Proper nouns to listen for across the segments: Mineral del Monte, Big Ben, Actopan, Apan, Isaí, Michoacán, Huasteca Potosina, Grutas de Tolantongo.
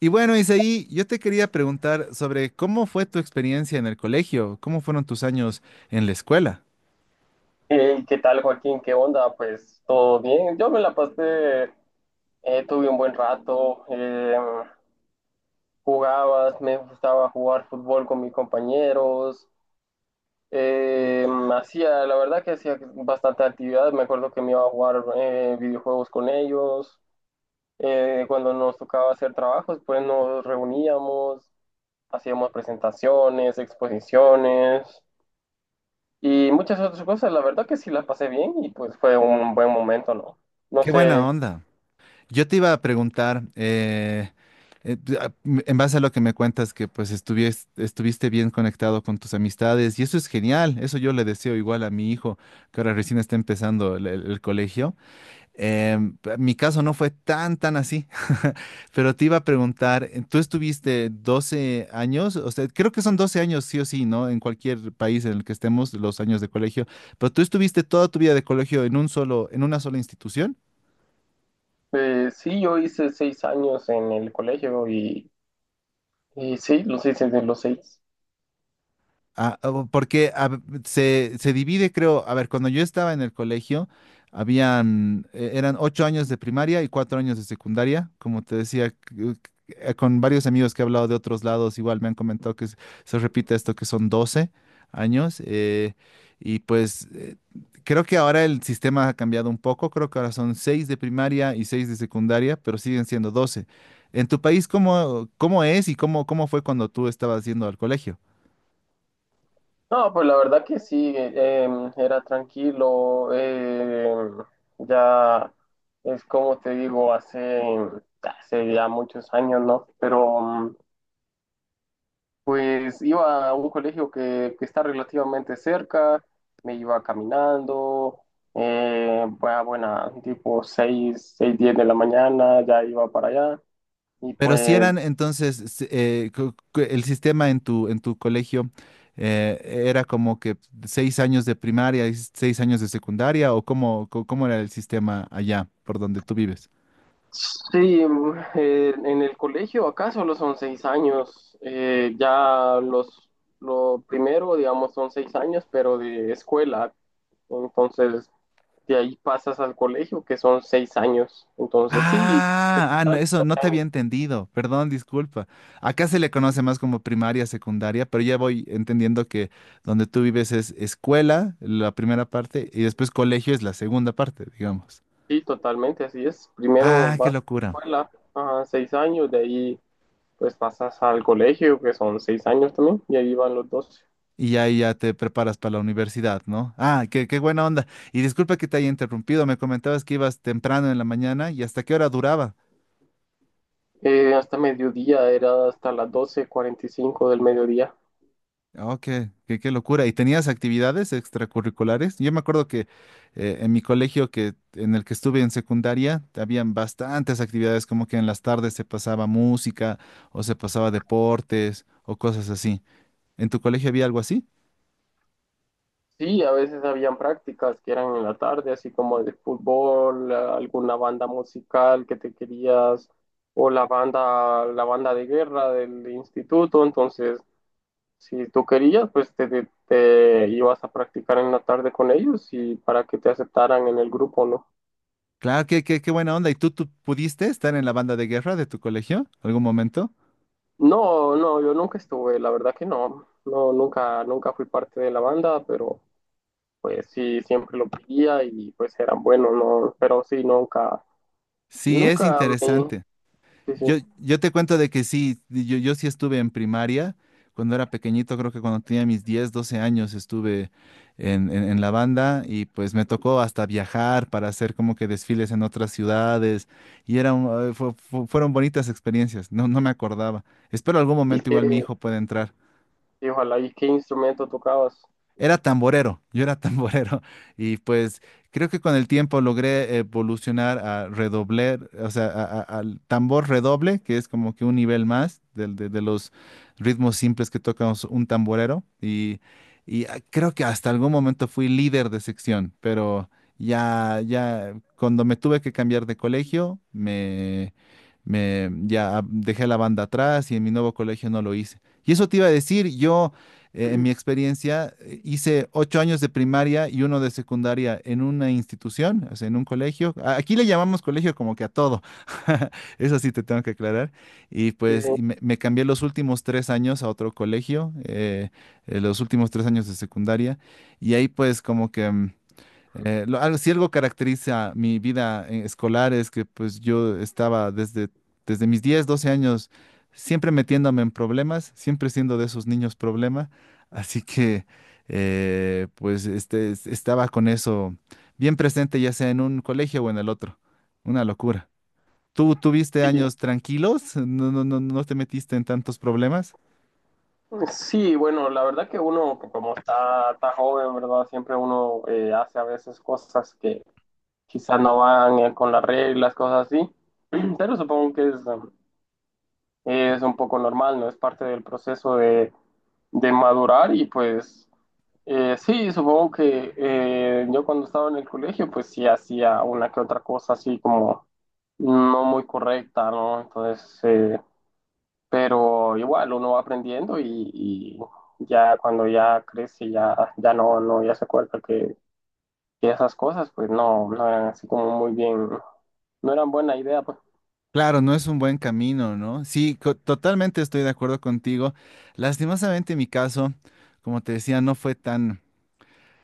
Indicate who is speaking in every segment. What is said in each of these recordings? Speaker 1: Y bueno, Isaí, yo te quería preguntar sobre cómo fue tu experiencia en el colegio, cómo fueron tus años en la escuela.
Speaker 2: Hey, ¿qué tal, Joaquín? ¿Qué onda? Pues todo bien. Yo me la pasé, tuve un buen rato, jugaba, me gustaba jugar fútbol con mis compañeros, eh, hacía, la verdad que hacía bastante actividad. Me acuerdo que me iba a jugar videojuegos con ellos. Cuando nos tocaba hacer trabajos, pues nos reuníamos, hacíamos presentaciones, exposiciones. Y muchas otras cosas, la verdad que sí la pasé bien y pues fue un buen momento, ¿no? No
Speaker 1: Qué buena
Speaker 2: sé,
Speaker 1: onda. Yo te iba a preguntar, en base a lo que me cuentas, que pues estuviste bien conectado con tus amistades y eso es genial. Eso yo le deseo igual a mi hijo, que ahora recién está empezando el colegio. Mi caso no fue tan, tan así, pero te iba a preguntar, tú estuviste 12 años, o sea, creo que son 12 años sí o sí, ¿no? En cualquier país en el que estemos, los años de colegio, pero tú estuviste toda tu vida de colegio en una sola institución.
Speaker 2: sí, yo hice 6 años en el colegio y sí, los hice de los seis.
Speaker 1: Ah, porque se divide, creo, a ver, cuando yo estaba en el colegio, eran 8 años de primaria y 4 años de secundaria, como te decía, c- con varios amigos que he hablado de otros lados, igual me han comentado que se repite esto, que son 12 años, y pues creo que ahora el sistema ha cambiado un poco, creo que ahora son seis de primaria y seis de secundaria, pero siguen siendo 12. En tu país, ¿cómo es y cómo fue cuando tú estabas yendo al colegio?
Speaker 2: No, pues la verdad que sí, era tranquilo, ya es como te digo, hace ya muchos años, ¿no? Pero pues iba a un colegio que está relativamente cerca, me iba caminando, bueno, buena, tipo 6:10 de la mañana, ya iba para allá. Y
Speaker 1: Pero si
Speaker 2: pues
Speaker 1: eran entonces sí, el sistema en tu colegio eh, era como que 6 años de primaria y 6 años de secundaria o cómo era el sistema allá por donde tú vives.
Speaker 2: sí, en el colegio acá solo son 6 años, ya lo primero, digamos, son 6 años, pero de escuela. Entonces, de ahí pasas al colegio, que son 6 años. Entonces, sí,
Speaker 1: Ah, no, eso no te había entendido. Perdón, disculpa. Acá se le conoce más como primaria, secundaria, pero ya voy entendiendo que donde tú vives es escuela, la primera parte, y después colegio es la segunda parte, digamos.
Speaker 2: sí, totalmente, así es. Primero
Speaker 1: Ah, qué
Speaker 2: vas
Speaker 1: locura.
Speaker 2: a la escuela, ajá, 6 años, de ahí pues pasas al colegio, que son seis años también, y ahí van los 12.
Speaker 1: Y ya te preparas para la universidad, ¿no? Ah, qué buena onda. Y disculpa que te haya interrumpido, me comentabas que ibas temprano en la mañana y hasta qué hora duraba.
Speaker 2: Hasta mediodía, era hasta las 12:45 del mediodía.
Speaker 1: Oh, qué locura. ¿Y tenías actividades extracurriculares? Yo me acuerdo que en mi colegio en el que estuve en secundaria, habían bastantes actividades, como que en las tardes se pasaba música o se pasaba deportes o cosas así. ¿En tu colegio había algo así?
Speaker 2: Sí, a veces habían prácticas que eran en la tarde, así como de fútbol, alguna banda musical que te querías, o la banda de guerra del instituto, entonces si tú querías, pues te ibas a practicar en la tarde con ellos y para que te aceptaran en el grupo, ¿no?
Speaker 1: Claro, qué buena onda. ¿Y tú pudiste estar en la banda de guerra de tu colegio algún momento?
Speaker 2: No, no, yo nunca estuve, la verdad que no, no, nunca fui parte de la banda, pero pues sí, siempre lo pedía y pues eran buenos, ¿no? Pero sí, nunca,
Speaker 1: Sí, es
Speaker 2: nunca me,
Speaker 1: interesante.
Speaker 2: sí, sí.
Speaker 1: Yo te cuento de que sí, yo sí estuve en primaria cuando era pequeñito, creo que cuando tenía mis 10, 12 años estuve en la banda y pues me tocó hasta viajar para hacer como que desfiles en otras ciudades y fueron bonitas experiencias, no, no me acordaba. Espero algún
Speaker 2: Y
Speaker 1: momento igual mi
Speaker 2: que,
Speaker 1: hijo pueda entrar.
Speaker 2: y ojalá, ¿y qué instrumento tocabas?
Speaker 1: Era tamborero, yo era tamborero y pues creo que con el tiempo logré evolucionar a redobler, o sea, al tambor redoble, que es como que un nivel más de los ritmos simples que toca un tamborero y, ah, creo que hasta algún momento fui líder de sección, pero ya cuando me tuve que cambiar de colegio, me ya dejé la banda atrás y en mi nuevo colegio no lo hice. Y eso te iba a decir, yo en mi experiencia, hice 8 años de primaria y uno de secundaria en una institución, o sea, en un colegio. Aquí le llamamos colegio como que a todo. Eso sí te tengo que aclarar. Y
Speaker 2: Sí, sí.
Speaker 1: pues me cambié los últimos 3 años a otro colegio, los últimos 3 años de secundaria. Y ahí pues como que si algo caracteriza mi vida escolar es que pues yo estaba desde mis 10 12 años siempre metiéndome en problemas, siempre siendo de esos niños problema, así que pues estaba con eso bien presente ya sea en un colegio o en el otro. Una locura. ¿Tú tuviste
Speaker 2: Sí,
Speaker 1: años tranquilos? ¿No, no, no, no te metiste en tantos problemas?
Speaker 2: sí, bueno, la verdad que uno, como está joven, ¿verdad? Siempre uno hace a veces cosas que quizás no van con las reglas, cosas así, pero supongo que es un poco normal, ¿no? Es parte del proceso de madurar y pues sí, supongo que yo cuando estaba en el colegio pues sí hacía una que otra cosa así como no muy correcta, ¿no? Entonces, pero igual uno va aprendiendo y ya cuando ya crece ya no, no, ya se acuerda que esas cosas pues no, no eran así como muy bien, no eran buena idea pues.
Speaker 1: Claro, no es un buen camino, ¿no? Sí, totalmente estoy de acuerdo contigo. Lastimosamente en mi caso, como te decía, no fue tan,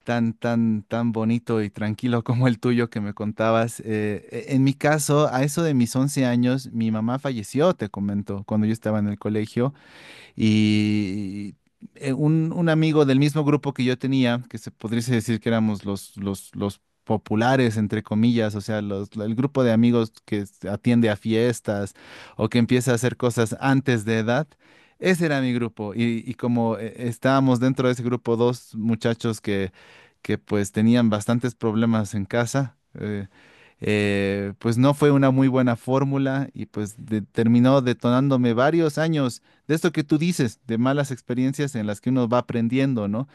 Speaker 1: tan, tan, tan bonito y tranquilo como el tuyo que me contabas. En mi caso, a eso de mis 11 años, mi mamá falleció, te comento, cuando yo estaba en el colegio. Y un amigo del mismo grupo que yo tenía, que se podría decir que éramos los populares, entre comillas, o sea, el grupo de amigos que atiende a fiestas o que empieza a hacer cosas antes de edad. Ese era mi grupo y como estábamos dentro de ese grupo dos muchachos que pues tenían bastantes problemas en casa, pues no fue una muy buena fórmula y pues terminó detonándome varios años de esto que tú dices, de malas experiencias en las que uno va aprendiendo, ¿no?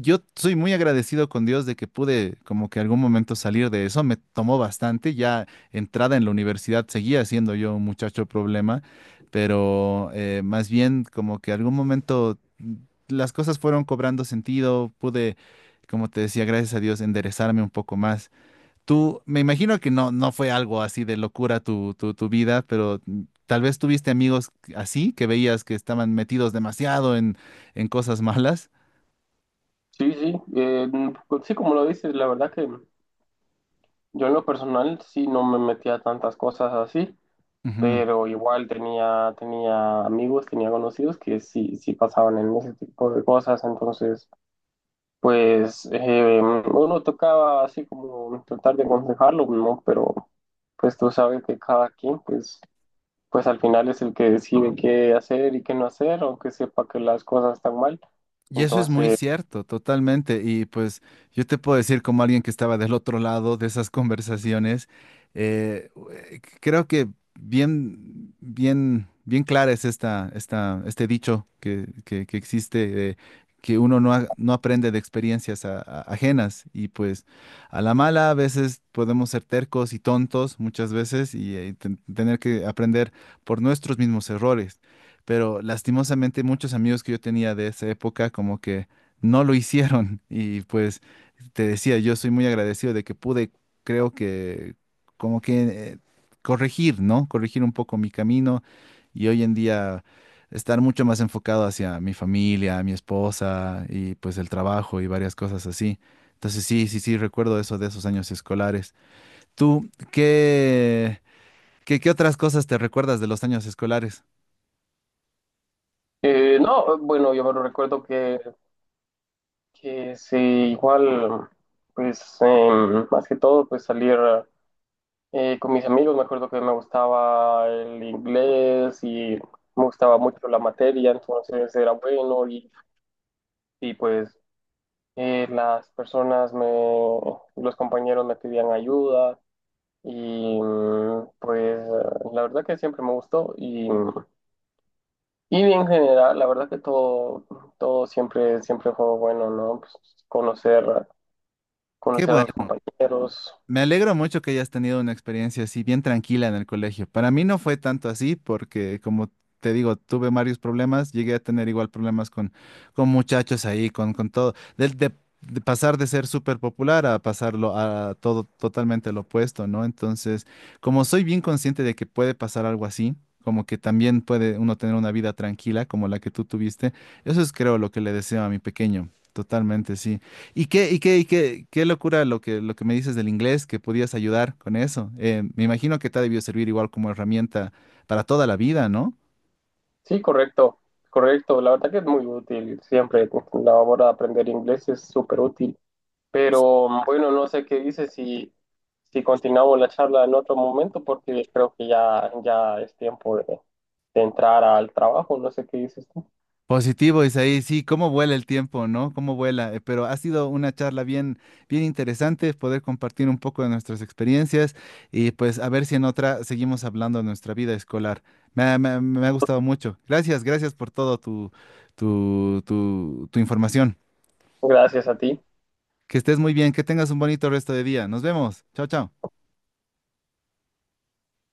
Speaker 1: Yo soy muy agradecido con Dios de que pude como que algún momento salir de eso, me tomó bastante, ya entrada en la universidad seguía siendo yo un muchacho problema, pero más bien como que algún momento las cosas fueron cobrando sentido, pude, como te decía, gracias a Dios, enderezarme un poco más. Tú, me imagino que no fue algo así de locura tu vida, pero tal vez tuviste amigos así que veías que estaban metidos demasiado en cosas malas.
Speaker 2: Sí, sí, pues sí, como lo dices, la verdad que yo en lo personal sí no me metía a tantas cosas así,
Speaker 1: Ujú.
Speaker 2: pero igual tenía amigos, tenía conocidos que sí pasaban en ese tipo de cosas, entonces pues uno tocaba así como tratar de aconsejarlo, ¿no? Pero pues tú sabes que cada quien pues al final es el que decide qué hacer y qué no hacer, aunque sepa que las cosas están mal,
Speaker 1: Y eso es muy
Speaker 2: entonces...
Speaker 1: cierto, totalmente. Y pues yo te puedo decir como alguien que estaba del otro lado de esas conversaciones, creo que bien, bien, bien clara es este dicho que existe, que uno no aprende de experiencias ajenas. Y pues a la mala a veces podemos ser tercos y tontos muchas veces y tener que aprender por nuestros mismos errores, pero lastimosamente muchos amigos que yo tenía de esa época como que no lo hicieron y pues te decía, yo soy muy agradecido de que pude, creo que como que eh, corregir, ¿no? Corregir un poco mi camino y hoy en día estar mucho más enfocado hacia mi familia, mi esposa y pues el trabajo y varias cosas así. Entonces sí, sí, sí, recuerdo eso de esos años escolares. ¿Tú qué, qué otras cosas te recuerdas de los años escolares?
Speaker 2: No, bueno, yo me recuerdo que sí, igual, pues más que todo, pues salir con mis amigos. Me acuerdo que me gustaba el inglés y me gustaba mucho la materia, entonces era bueno y pues las personas, me, los compañeros me pedían ayuda y pues la verdad que siempre me gustó y en general, la verdad que todo siempre fue bueno, ¿no? Pues conocer.
Speaker 1: Qué
Speaker 2: conocer a
Speaker 1: bueno.
Speaker 2: los compañeros.
Speaker 1: Me alegro mucho que hayas tenido una experiencia así bien tranquila en el colegio. Para mí no fue tanto así porque, como te digo, tuve varios problemas, llegué a tener igual problemas con muchachos ahí, con todo, de pasar de ser súper popular a pasarlo a todo totalmente lo opuesto, ¿no? Entonces, como soy bien consciente de que puede pasar algo así, como que también puede uno tener una vida tranquila como la que tú tuviste, eso es creo lo que le deseo a mi pequeño. Totalmente, sí. Y qué locura lo que me dices del inglés, que podías ayudar con eso. Me imagino que te ha debido servir igual como herramienta para toda la vida, ¿no?
Speaker 2: Sí, correcto, correcto. La verdad que es muy útil siempre. La hora de aprender inglés es súper útil. Pero bueno, no sé qué dices si continuamos la charla en otro momento porque creo que ya es tiempo de entrar al trabajo. No sé qué dices tú.
Speaker 1: Positivo, Isaí, sí, cómo vuela el tiempo, ¿no? Cómo vuela. Pero ha sido una charla bien, bien interesante poder compartir un poco de nuestras experiencias y pues a ver si en otra seguimos hablando de nuestra vida escolar. Me ha gustado mucho. Gracias, gracias por todo tu información.
Speaker 2: Gracias a ti.
Speaker 1: Que estés muy bien, que tengas un bonito resto de día. Nos vemos. Chao, chao.